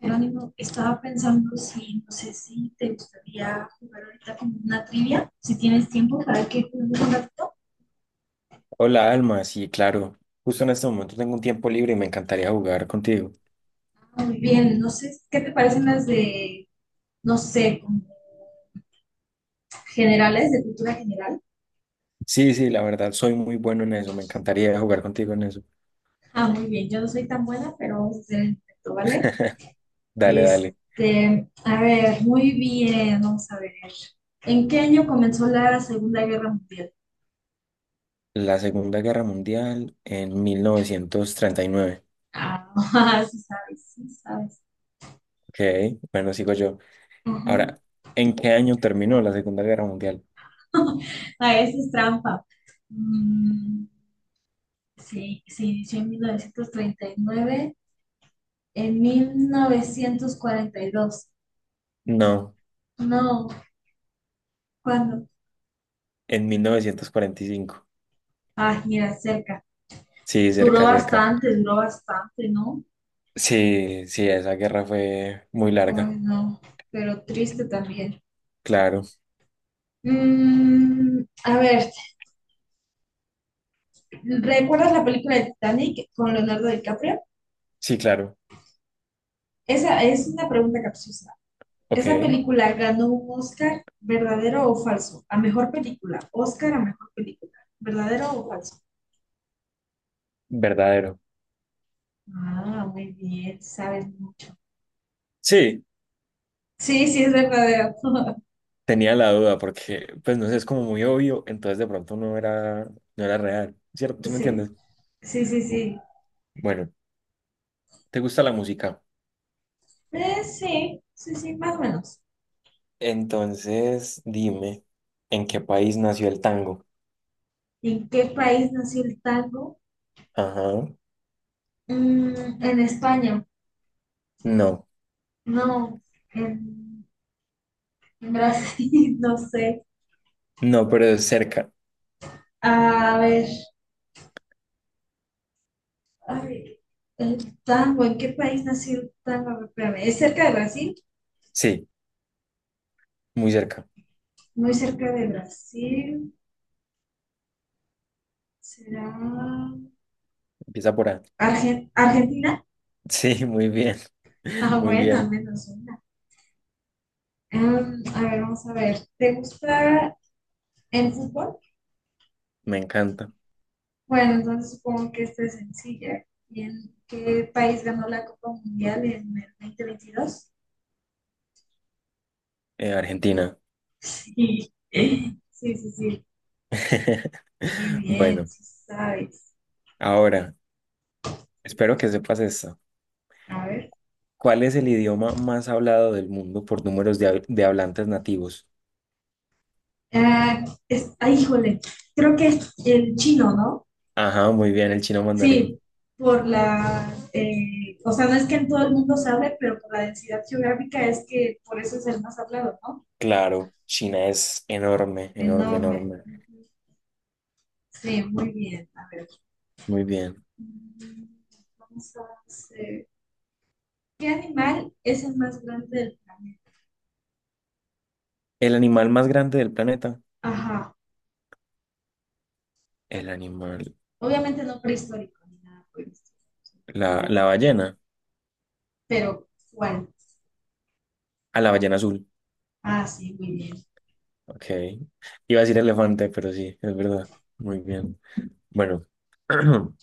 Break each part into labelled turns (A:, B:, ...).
A: Jerónimo, estaba pensando si, no sé si te gustaría jugar ahorita como una trivia, si tienes tiempo para que juguemos un ratito.
B: Hola, Alma, sí, claro. Justo en este momento tengo un tiempo libre y me encantaría jugar contigo.
A: Ah, muy bien, no sé, ¿qué te parecen las de, no sé, como generales, de cultura general?
B: Sí, sí, la verdad, soy muy bueno en eso. Me encantaría jugar contigo en eso.
A: Ah, muy bien, yo no soy tan buena, pero vamos a hacer el intento, ¿vale?
B: Dale, dale.
A: Este, a ver, muy bien, vamos a ver. ¿En qué año comenzó la Segunda Guerra Mundial?
B: La Segunda Guerra Mundial en 1939.
A: Ah, sí sabes, sí sabes.
B: Ok, bueno, sigo yo.
A: Ujú.
B: Ahora, ¿en qué año terminó la Segunda Guerra Mundial?
A: A veces es trampa. Mm, sí, se inició en 1939. En 1942.
B: No,
A: No, ¿cuándo?
B: en 1945.
A: Ah, mira, cerca.
B: Sí, cerca, cerca.
A: Duró bastante, ¿no?
B: Sí, sí, esa guerra fue muy larga.
A: Ay, no, pero triste también.
B: Claro,
A: Mm, a ver, ¿recuerdas la película de Titanic con Leonardo DiCaprio?
B: sí, claro.
A: Esa es una pregunta capciosa.
B: Ok,
A: Esa película ganó un Oscar, ¿verdadero o falso? A mejor película. Oscar a mejor película. ¿Verdadero o falso?
B: verdadero.
A: Ah, muy bien, sabes mucho.
B: Sí,
A: Sí, sí, es verdadero.
B: tenía la duda porque, pues no sé, es como muy obvio, entonces de pronto no era, no era real, ¿cierto? ¿Sí me
A: Sí,
B: entiendes?
A: sí, sí,
B: Bu-
A: sí.
B: Bueno, ¿te gusta la música?
A: Sí, sí, sí, más o menos.
B: Entonces, dime, ¿en qué país nació el tango?
A: ¿En qué país nació el tango?
B: Ajá.
A: Mm, en España.
B: No,
A: No, en, en Brasil, no sé.
B: no, pero es cerca.
A: A ver, a ver, el tango, ¿en qué país nació el tango? A ver, espérame, ¿es cerca de Brasil?
B: Sí, muy cerca.
A: Muy cerca de Brasil, será
B: Empieza por A.
A: Argentina.
B: Sí, muy bien,
A: Ah,
B: muy
A: buena,
B: bien,
A: menos una. A ver, vamos a ver. ¿Te gusta el fútbol?
B: me encanta.
A: Bueno, entonces supongo que esta es sencilla. ¿Y en qué país ganó la Copa Mundial en el 2022?
B: Argentina.
A: Sí, sí, sí, sí. Muy bien,
B: Bueno,
A: sí sabes.
B: ahora, espero que sepas esto.
A: A ver.
B: ¿Cuál es el idioma más hablado del mundo por números de, hablantes nativos?
A: Ah, es, ah, híjole, creo que es el chino, ¿no?
B: Ajá, muy bien, el chino
A: Sí,
B: mandarín.
A: por la, o sea, no es que en todo el mundo se hable, pero por la densidad geográfica es que por eso es el más hablado, ¿no?
B: Claro, China es enorme, enorme,
A: Enorme.
B: enorme.
A: Ujú. Sí, muy bien. A ver.
B: Muy bien.
A: Mm, vamos a hacer. ¿Qué animal es el más grande del planeta?
B: ¿El animal más grande del planeta?
A: Ajá.
B: El animal,
A: Obviamente no prehistórico ni nada por el estilo, sino el
B: la
A: actual.
B: ballena.
A: Pero, ¿cuál?
B: A la ballena azul.
A: Ah, sí, muy bien.
B: Ok. Iba a decir elefante, pero sí, es verdad. Muy bien. Bueno,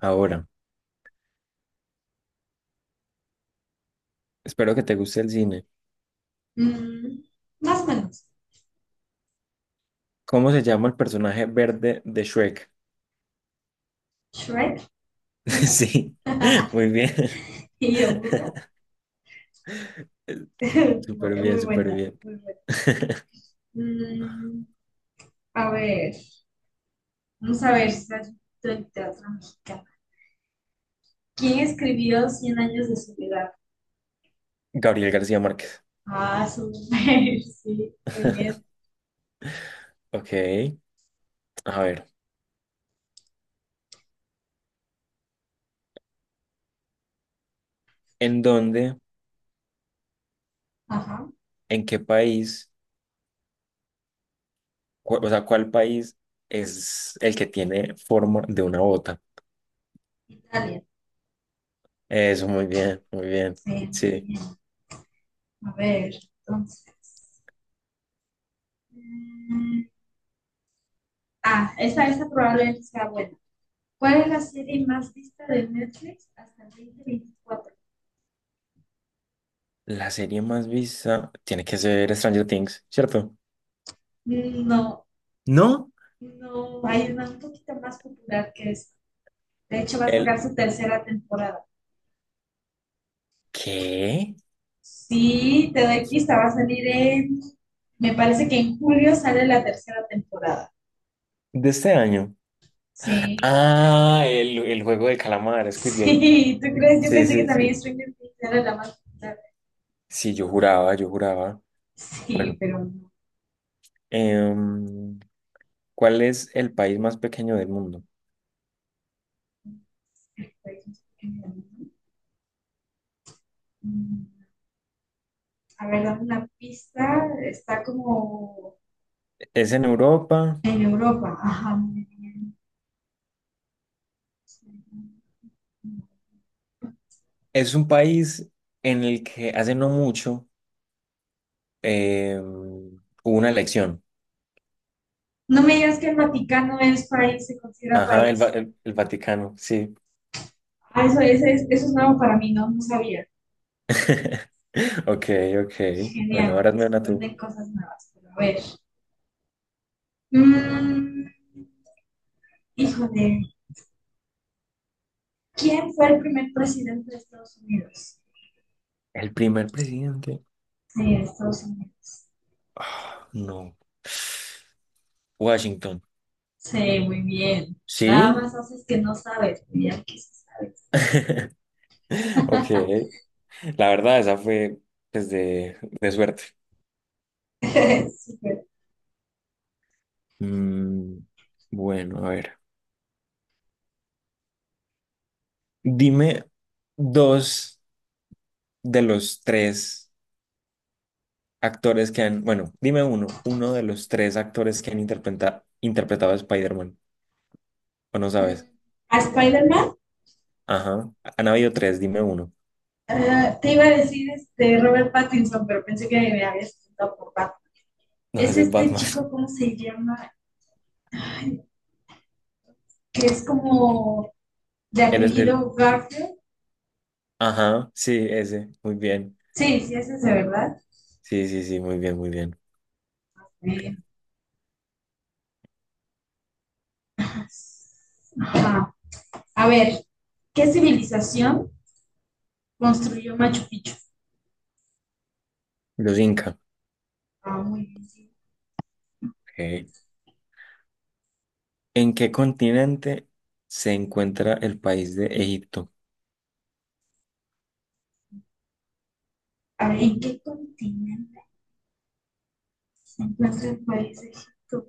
B: ahora, espero que te guste el cine.
A: Mm, más o menos.
B: ¿Cómo se llama el personaje verde de Shrek?
A: Shrek
B: Sí, muy bien.
A: y yo burro.
B: Súper
A: Muy,
B: bien,
A: muy
B: súper
A: buena,
B: bien.
A: muy buena. Mm, a ver, vamos a ver si es del teatro mexicano. ¿Quién escribió Cien años de soledad?
B: Gabriel García Márquez.
A: Ah, súper, sí, muy bien.
B: Ok, a ver, ¿en dónde,
A: Ajá,
B: en qué país, cu- o sea, cuál país es el que tiene forma de una bota?
A: Italia,
B: Eso, muy bien, muy bien.
A: sí, muy
B: Sí,
A: bien. A ver, entonces. Mm, ah, esta probablemente sea buena. ¿Cuál es la serie más vista de Netflix hasta el 2024?
B: la serie más vista tiene que ser Stranger Things, ¿cierto?
A: Mm, no,
B: ¿No?
A: no, hay una un poquito más popular que esta. De hecho, va a
B: ¿El
A: sacar su tercera temporada.
B: qué?
A: Sí, te doy pista, va a salir en, me parece que en julio sale la tercera temporada.
B: ¿De este año?
A: Sí,
B: Ah, el juego del calamar, Squid Game.
A: sí, ¿tú crees? Yo
B: Sí,
A: pensé que
B: sí,
A: también
B: sí.
A: Stranger Things era la más popular.
B: Sí, yo juraba, yo juraba.
A: Sí,
B: Bueno,
A: pero no.
B: em, ¿cuál es el país más pequeño del mundo?
A: Mm, a ver, dame una pista. Está como
B: Es en Europa.
A: en Europa. Ajá, muy bien.
B: Es un país en el que hace no mucho hubo una elección.
A: No me digas que el Vaticano es país, se considera
B: Ajá, el,
A: país.
B: el Vaticano, sí.
A: Ah, eso, ese es, eso es nuevo para mí, no, no sabía.
B: Ok, ok.
A: Genial,
B: Bueno,
A: bueno,
B: ahora me
A: se
B: a tú.
A: aprenden cosas nuevas. Pero a ver. Mm, híjole, ¿quién fue el primer presidente de Estados Unidos?
B: El primer presidente.
A: Sí, de Estados Unidos.
B: Ah, no. Washington.
A: Sí, muy bien. Nada
B: Sí.
A: más haces que no sabes, pero ya que sí
B: Ok. La verdad, esa fue pues, de suerte.
A: sabes. Súper.
B: Mm, bueno, a ver. Dime dos de los tres actores que han, bueno, dime uno, uno de los tres actores que han interpretado a Spider-Man, o no
A: Mm,
B: sabes.
A: ¿a Spider-Man?
B: Ajá, han habido tres, dime uno.
A: Ah, te iba a decir este Robert Pattinson, pero pensé que me habías preguntado por Batman.
B: No,
A: Es
B: ese es
A: este
B: Batman.
A: chico, ¿cómo se llama? Ay, que es como de
B: Él es el,
A: apellido Garfield.
B: ajá, sí, ese, muy bien.
A: Sí, sí, ese es de verdad.
B: Sí, sí, sí, muy bien, muy bien.
A: Eh, Ajá. A ver, ¿qué civilización construyó Machu Picchu?
B: Los Inca.
A: Ah, muy bien. Sí.
B: Ok. ¿En qué continente se encuentra el país de Egipto?
A: A ver, ¿en qué continente se encuentra el país de Egipto?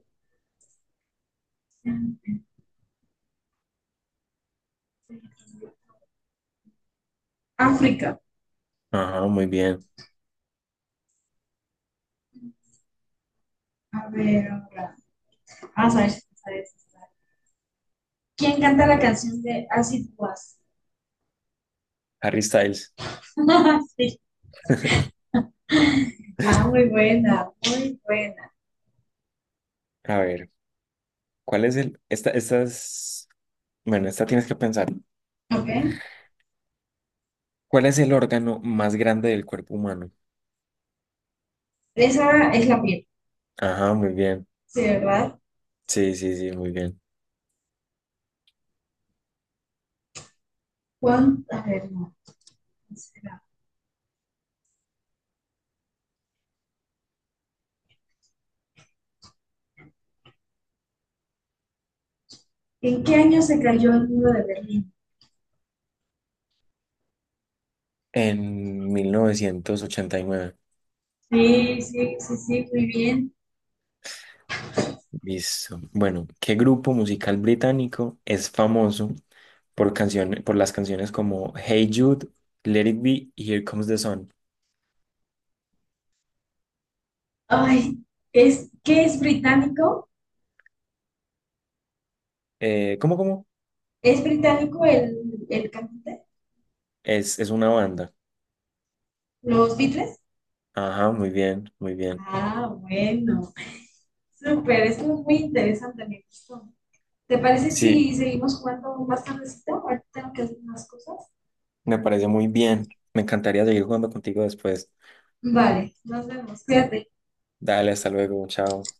A: África.
B: Ajá, muy bien.
A: A ver, ahora, vamos a ver si sabes ¿quién canta la canción de Acid Was?
B: Harry Styles.
A: Sí. Ah, muy buena, muy buena.
B: A ver, ¿cuál es el? Esta, estas. Bueno, esta tienes que pensar.
A: Ok.
B: ¿Cuál es el órgano más grande del cuerpo humano?
A: Esa es la piel.
B: Ajá, muy bien.
A: Sí, ¿verdad?
B: Sí, sí, sí, muy bien.
A: A ver, no, no será? ¿En qué año se cayó el muro de Berlín?
B: En 1989.
A: Sí, sí, sí, sí, muy bien.
B: Listo. Bueno, ¿qué grupo musical británico es famoso por canciones, por las canciones como Hey Jude, Let It Be y Here Comes the Sun?
A: Ay, es, ¿qué es británico?
B: ¿Cómo, cómo?
A: ¿Es británico el cantante?
B: Es una banda.
A: ¿Los Beatles?
B: Ajá, muy bien, muy bien.
A: Ah, bueno. Súper, esto es muy interesante, me gustó. ¿Te parece
B: Sí,
A: si seguimos jugando más tardecito? Ahorita tengo que hacer unas cosas.
B: me parece muy bien. Me encantaría seguir jugando contigo después.
A: Vale, nos vemos. Cuídate.
B: Dale, hasta luego, chao.